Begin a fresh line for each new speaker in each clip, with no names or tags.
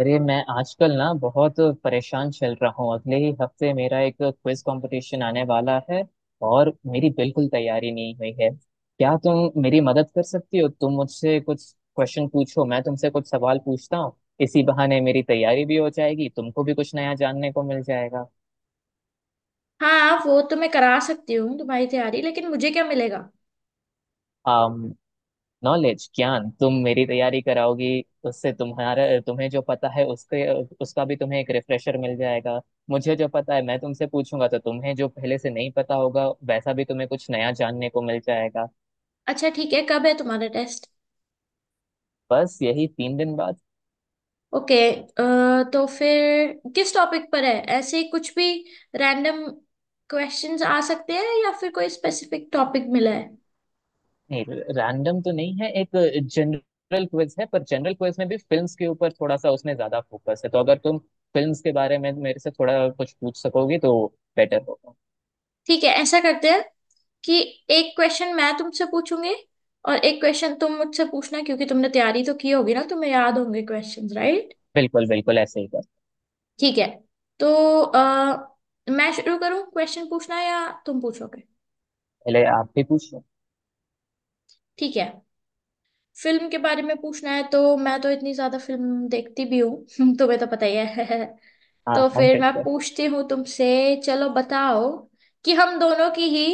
अरे, मैं आजकल ना बहुत परेशान चल रहा हूँ। अगले ही हफ्ते मेरा एक क्विज कंपटीशन आने वाला है और मेरी बिल्कुल तैयारी नहीं हुई है। क्या तुम मेरी मदद कर सकती हो? तुम मुझसे कुछ क्वेश्चन पूछो, मैं तुमसे कुछ सवाल पूछता हूँ। इसी बहाने मेरी तैयारी भी हो जाएगी, तुमको भी कुछ नया जानने को मिल जाएगा।
हाँ वो तो मैं करा सकती हूँ तुम्हारी तैयारी। लेकिन मुझे क्या मिलेगा।
नॉलेज, ज्ञान। तुम मेरी तैयारी कराओगे उससे तुम्हारा तुम्हें जो पता है उसके उसका भी तुम्हें एक रिफ्रेशर मिल जाएगा। मुझे जो पता है मैं तुमसे पूछूंगा तो तुम्हें जो पहले से नहीं पता होगा वैसा भी तुम्हें कुछ नया जानने को मिल जाएगा।
अच्छा ठीक है, कब है तुम्हारा टेस्ट।
बस यही 3 दिन बाद।
ओके। तो फिर किस टॉपिक पर है, ऐसे ही कुछ भी रैंडम क्वेश्चंस आ सकते हैं या फिर कोई स्पेसिफिक टॉपिक मिला है।
नहीं, रैंडम तो नहीं है। एक जनरल क्विज है, पर जनरल क्विज में भी फिल्म्स के ऊपर थोड़ा सा उसमें ज्यादा फोकस है, तो अगर तुम फिल्म्स के बारे में मेरे से थोड़ा कुछ पूछ सकोगे तो बेटर होगा।
ठीक है, ऐसा करते हैं कि एक क्वेश्चन मैं तुमसे पूछूंगी और एक क्वेश्चन तुम मुझसे पूछना, क्योंकि तुमने तैयारी तो की होगी ना, तुम्हें याद होंगे क्वेश्चंस राइट।
बिल्कुल बिल्कुल, ऐसे ही कर।
ठीक है। तो अ, मैं शुरू करूँ क्वेश्चन पूछना या तुम पूछोगे।
पहले आप भी पूछ लो।
ठीक है। फिल्म के बारे में पूछना है, तो मैं तो इतनी ज्यादा फिल्म देखती भी हूँ तुम्हें तो पता ही है।
हाँ,
तो
हम
फिर
फिर।
मैं पूछती हूँ तुमसे। चलो बताओ कि हम दोनों की ही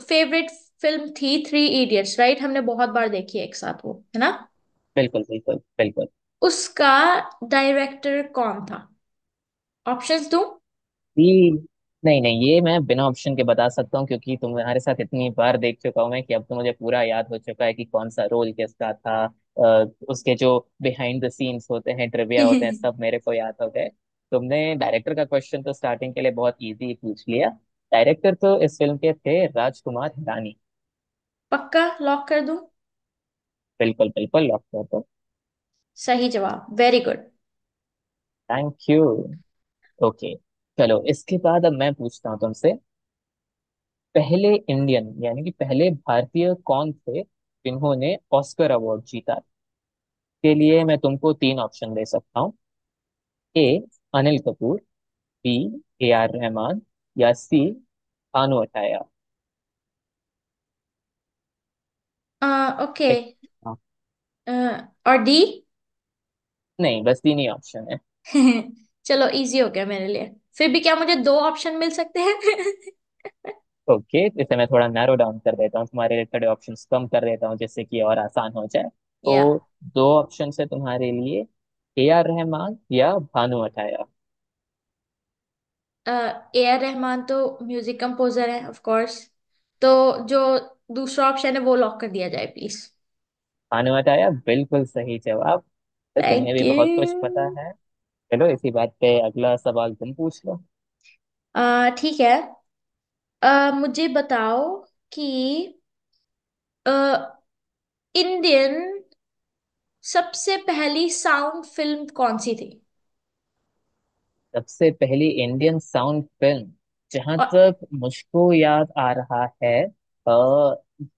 फेवरेट फिल्म थी थ्री इडियट्स, राइट। हमने बहुत बार देखी है एक साथ, वो है ना।
बिल्कुल बिल्कुल बिल्कुल।
उसका डायरेक्टर कौन था, ऑप्शंस दूं।
ये नहीं नहीं, ये मैं बिना ऑप्शन के बता सकता हूँ, क्योंकि तुम्हारे साथ इतनी बार देख चुका हूँ मैं कि अब तो मुझे पूरा याद हो चुका है कि कौन सा रोल किसका था। उसके जो बिहाइंड द सीन्स होते हैं, ट्रिविया होते हैं, सब मेरे को याद हो गए। तुमने डायरेक्टर का क्वेश्चन तो स्टार्टिंग के लिए बहुत इजी पूछ लिया। डायरेक्टर तो इस फिल्म के थे राजकुमार हिरानी।
पक्का लॉक कर दूं।
बिल्कुल बिल्कुल, लॉक कर दो।
सही जवाब, very good.
Thank you. Okay, चलो इसके बाद अब मैं पूछता हूँ तुमसे। पहले इंडियन यानी कि पहले भारतीय कौन थे जिन्होंने ऑस्कर अवार्ड जीता, के लिए मैं तुमको तीन ऑप्शन दे सकता हूँ। A, Anil Kapoor. B, A R Rahman. या सी, भानु अथैया।
ओके।
ठीक। हाँ।
और डी।
नहीं, बस तीन ही ऑप्शन है।
चलो इजी हो गया मेरे लिए। फिर भी क्या मुझे दो ऑप्शन मिल सकते हैं।
ओके, इसे मैं थोड़ा नैरो डाउन कर देता हूँ तुम्हारे लिए, थोड़े ऑप्शन कम कर देता हूँ जिससे कि और आसान हो जाए।
या
तो दो ऑप्शन है तुम्हारे लिए, ए आर रहमान या भानु अथैया।
ए आर रहमान तो म्यूजिक कंपोजर है ऑफ कोर्स। तो जो दूसरा ऑप्शन है वो लॉक कर दिया जाए प्लीज।
भानुमति आया, बिल्कुल सही जवाब। तो तुम्हें
थैंक
भी बहुत कुछ पता
यू।
है। चलो इसी बात पे अगला सवाल तुम पूछ लो।
ठीक है। मुझे बताओ कि अ, इंडियन सबसे पहली साउंड फिल्म कौन सी थी।
सबसे पहली इंडियन साउंड फिल्म, जहां
और
तक मुझको याद आ रहा है, आ,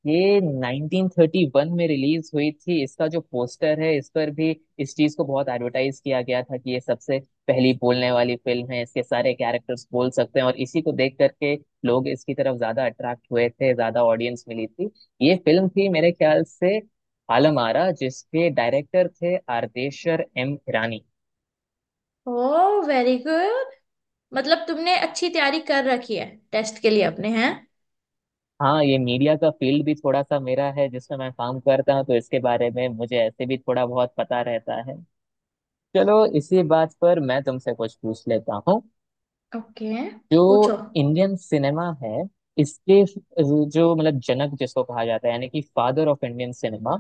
ये 1931 में रिलीज हुई थी। इसका जो पोस्टर है इस पर भी इस चीज को बहुत एडवर्टाइज किया गया था कि ये सबसे पहली बोलने वाली फिल्म है, इसके सारे कैरेक्टर्स बोल सकते हैं, और इसी को देख करके लोग इसकी तरफ ज्यादा अट्रैक्ट हुए थे, ज्यादा ऑडियंस मिली थी। ये फिल्म थी मेरे ख्याल से आलम आरा, जिसके डायरेक्टर थे Ardeshir M Irani.
Oh very good. मतलब तुमने अच्छी तैयारी कर रखी है टेस्ट के लिए अपने हैं।
हाँ, ये मीडिया का फील्ड भी थोड़ा सा मेरा है जिसमें मैं काम करता हूँ, तो इसके बारे में मुझे ऐसे भी थोड़ा बहुत पता रहता है। चलो इसी बात पर मैं तुमसे कुछ पूछ लेता हूँ।
ओके।
जो
पूछो।
इंडियन सिनेमा है, इसके जो, मतलब, जनक जिसको कहा जाता है, यानी कि फादर ऑफ इंडियन सिनेमा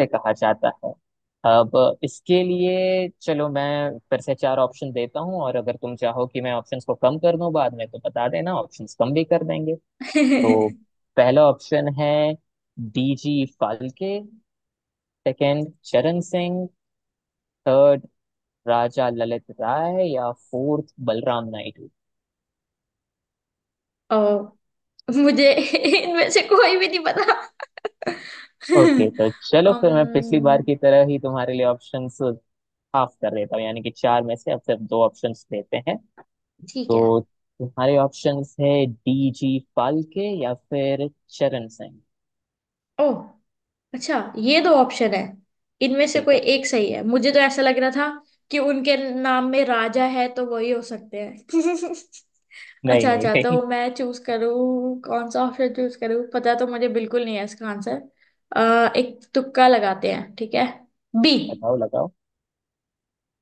से कहा जाता है। अब इसके लिए चलो मैं फिर से चार ऑप्शन देता हूँ, और अगर तुम चाहो कि मैं ऑप्शंस को कम कर दूं बाद में तो बता देना, ऑप्शंस कम भी कर देंगे। तो पहला ऑप्शन है D G Phalke. Second, Charan Singh. Third, Raja Lalit Rai. या फोर्थ, बलराम नायडू।
ओ मुझे इनमें से कोई भी नहीं पता।
ओके, तो चलो फिर मैं पिछली बार
अम्म,
की तरह ही तुम्हारे लिए ऑप्शंस हाफ कर देता हूँ, यानी कि चार में से अब सिर्फ दो ऑप्शंस देते हैं।
ठीक है।
तो तुम्हारे ऑप्शंस है डीजी फाल्के या फिर चरण सिंह।
ओह अच्छा, ये दो ऑप्शन है, इनमें से कोई
बिल्कुल।
एक सही है। मुझे तो ऐसा लग रहा था कि उनके नाम में राजा है तो वही हो सकते हैं।
नहीं
अच्छा
नहीं
अच्छा, तो
नहीं
मैं चूज करूँ, कौन सा ऑप्शन चूज करूँ, पता तो मुझे बिल्कुल नहीं है इसका आंसर। अह एक तुक्का लगाते हैं, ठीक है, बी।
बताओ, लगाओ।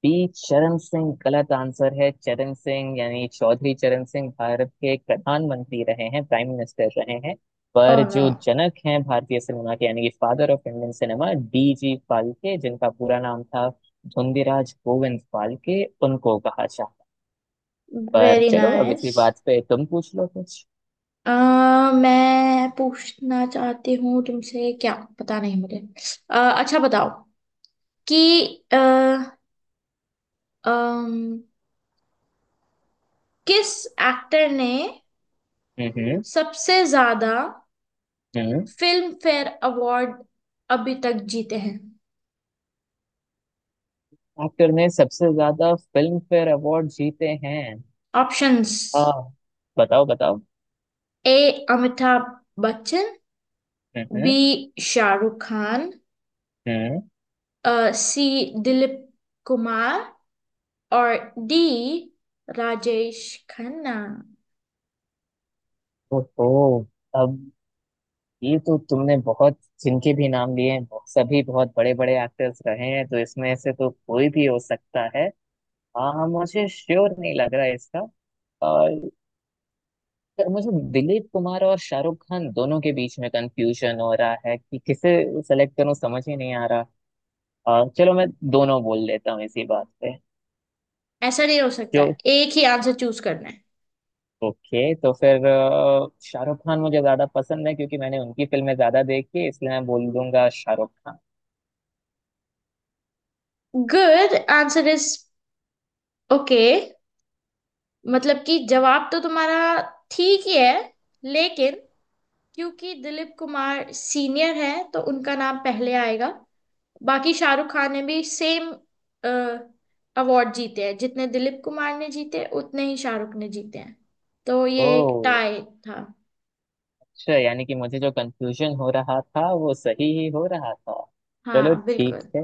पी चरण सिंह गलत आंसर है। चरण सिंह यानी चौधरी चरण सिंह भारत के प्रधानमंत्री रहे हैं, प्राइम मिनिस्टर रहे हैं।
ओह
पर
नो।
जो जनक हैं भारतीय सिनेमा के, यानी कि father of Indian cinema, D G Phalke, जिनका पूरा नाम था धुंधीराज गोविंद फाल्के, उनको कहा जाता। पर
वेरी
चलो अब
नाइस।
इसी बात पे तुम पूछ लो कुछ।
अ मैं पूछना चाहती हूँ तुमसे, क्या पता नहीं मुझे। अच्छा बताओ कि अ, अम, किस एक्टर ने
हम्म।
सबसे ज्यादा
हम्म।
फिल्म फेयर अवार्ड अभी तक जीते हैं।
एक्टर ने सबसे ज्यादा फिल्म फेयर अवार्ड जीते हैं।
ऑप्शंस।
हाँ, बताओ बताओ।
ए अमिताभ बच्चन,
हम्म। हम्म।
बी शाहरुख खान,
हम्म।
सी दिलीप कुमार, और डी राजेश खन्ना।
ओहो, अब ये तो तुमने बहुत, जिनके भी नाम लिए हैं बहुत- सभी बहुत बड़े बड़े एक्टर्स रहे हैं, तो इसमें से तो कोई भी हो सकता है। हाँ, मुझे श्योर नहीं लग रहा है इसका। और मुझे दिलीप कुमार और शाहरुख खान दोनों के बीच में कंफ्यूजन हो रहा है कि किसे सेलेक्ट करूं, समझ ही नहीं आ रहा। चलो मैं दोनों बोल लेता हूँ इसी बात पे।
ऐसा नहीं हो सकता
जो
है, एक ही आंसर चूज करना है।
ओके, तो फिर शाहरुख खान मुझे ज्यादा पसंद है, क्योंकि मैंने उनकी फिल्में ज्यादा देखी है, इसलिए मैं बोल दूंगा Shahrukh Khan.
Good answer is okay. मतलब कि जवाब तो तुम्हारा ठीक ही है, लेकिन क्योंकि दिलीप कुमार सीनियर है तो उनका नाम पहले आएगा। बाकी शाहरुख खान ने भी सेम अवार्ड जीते हैं, जितने दिलीप कुमार ने जीते उतने ही शाहरुख ने जीते हैं। तो ये एक
ओ,
टाई था।
अच्छा, यानी कि मुझे जो कंफ्यूजन हो रहा था वो सही ही हो रहा था। चलो
हाँ
ठीक
बिल्कुल।
है।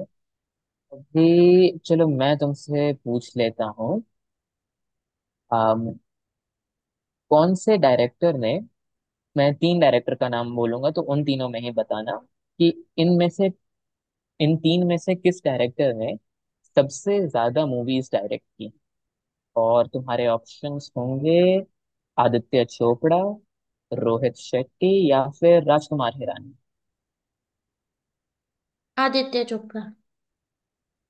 अभी चलो मैं तुमसे पूछ लेता हूँ। अम, कौन से डायरेक्टर ने, मैं तीन डायरेक्टर का नाम बोलूंगा, तो उन तीनों में ही बताना कि इनमें से, इन तीन में से किस डायरेक्टर ने सबसे ज्यादा मूवीज डायरेक्ट की। और तुम्हारे ऑप्शंस होंगे आदित्य चोपड़ा, रोहित शेट्टी, या फिर राजकुमार हिरानी।
आदित्य चोपड़ा।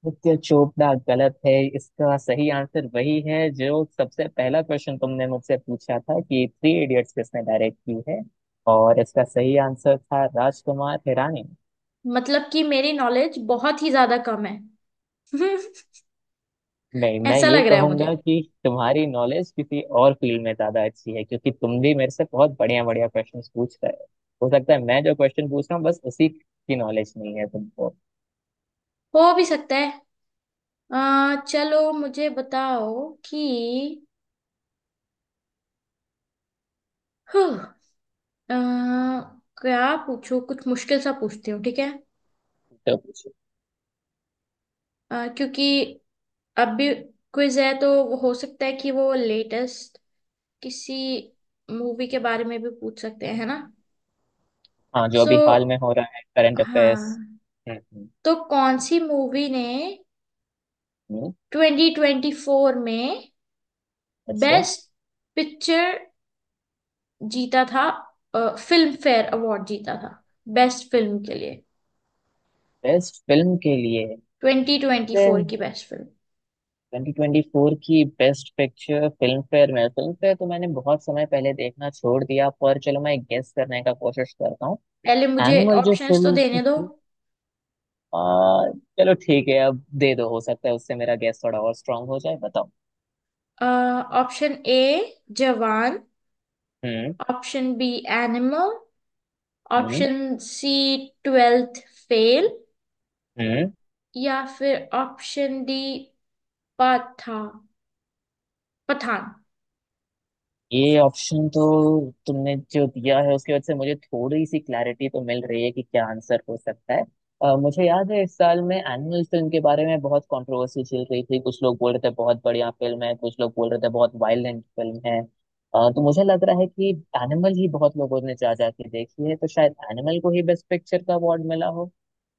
नित्य चोपड़ा गलत है। इसका सही आंसर वही है जो सबसे पहला क्वेश्चन तुमने मुझसे पूछा था कि थ्री इडियट्स किसने डायरेक्ट की है, और इसका सही आंसर था राजकुमार हिरानी।
मतलब कि मेरी नॉलेज बहुत ही ज्यादा कम है।
नहीं, मैं
ऐसा
ये
लग रहा है
कहूंगा
मुझे।
कि तुम्हारी नॉलेज किसी और फील्ड में ज्यादा अच्छी है, क्योंकि तुम भी मेरे से बहुत बढ़िया बढ़िया क्वेश्चंस पूछ रहे हो। हो सकता है मैं जो क्वेश्चन पूछ रहा हूँ बस उसी की नॉलेज नहीं है तुमको।
हो भी सकता है। चलो मुझे बताओ कि हुँ, अ, क्या पूछूं, कुछ मुश्किल सा पूछती हूँ, ठीक है।
तो पूछो।
क्योंकि अभी क्विज है तो वो हो सकता है कि वो लेटेस्ट किसी मूवी के बारे में भी पूछ सकते हैं, है ना।
हाँ, जो
सो
अभी हाल में हो रहा है, करंट अफेयर्स।
हाँ।
हम्म। हम्म।
तो कौन सी मूवी ने
हम्म।
2024 में
अच्छा।
बेस्ट पिक्चर जीता था, फिल्म फेयर अवार्ड जीता था बेस्ट फिल्म के लिए,
बेस्ट फिल्म के लिए
2024
ट्वेंटी
की बेस्ट फिल्म।
ट्वेंटी फोर की बेस्ट पिक्चर, फिल्म फेयर में? फिल्म फेयर तो मैंने बहुत समय पहले देखना छोड़ दिया, पर चलो मैं गेस करने का कोशिश करता हूँ।
पहले मुझे
एनिमल जो
ऑप्शंस तो
फिल्म
देने दो।
थी। आ, चलो ठीक है, अब दे दो, हो सकता है उससे मेरा गेस थोड़ा और स्ट्रांग हो जाए, बताओ।
ऑप्शन ए जवान,
हम्म।
ऑप्शन बी एनिमल,
हम्म।
ऑप्शन सी ट्वेल्थ फेल,
हम्म।
या फिर ऑप्शन डी पथा पठान।
ये ऑप्शन तो तुमने जो दिया है उसकी वजह से मुझे थोड़ी सी क्लैरिटी तो मिल रही है कि क्या आंसर हो सकता है। मुझे याद है इस साल में एनिमल फिल्म के बारे में बहुत कंट्रोवर्सी चल रही थी, कुछ लोग बोल रहे थे बहुत बढ़िया फिल्म है, कुछ लोग बोल रहे थे बहुत वायलेंट फिल्म है। तो मुझे लग रहा है कि एनिमल ही बहुत लोगों ने जा जा के देखी है, तो शायद एनिमल को ही बेस्ट पिक्चर का अवार्ड मिला हो।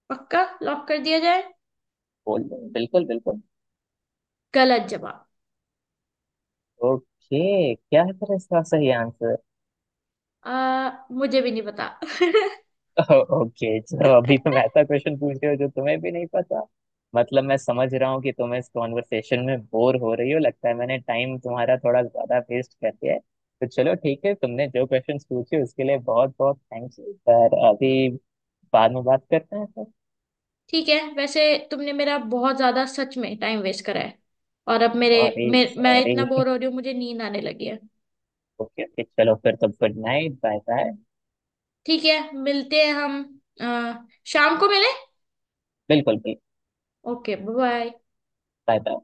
पक्का लॉक कर दिया जाए।
बोल दो, बिल्कुल बिल्कुल।
गलत जवाब।
ओके, क्या है फिर इसका सही आंसर?
मुझे भी नहीं पता।
ओके, तो अभी तुम ऐसा क्वेश्चन पूछ रहे हो जो तुम्हें भी नहीं पता। मतलब मैं समझ रहा हूँ कि तुम इस कॉन्वर्सेशन में बोर हो रही हो। लगता है मैंने टाइम तुम्हारा थोड़ा ज्यादा वेस्ट कर दिया है, तो चलो ठीक है, तुमने जो क्वेश्चन पूछे उसके लिए बहुत बहुत थैंक्स। पर अभी, बाद में बात करते हैं सर।
ठीक है, वैसे तुमने मेरा बहुत ज्यादा सच में टाइम वेस्ट करा है, और अब मेरे
सॉरी
मैं
सॉरी।
इतना बोर हो रही हूँ, मुझे नींद आने लगी है।
ओके ओके, चलो फिर तो गुड नाइट, बाय बाय।
ठीक है मिलते हैं हम अ, शाम को मिले।
बिल्कुल बिल्कुल।
Okay bye.
Bye bye.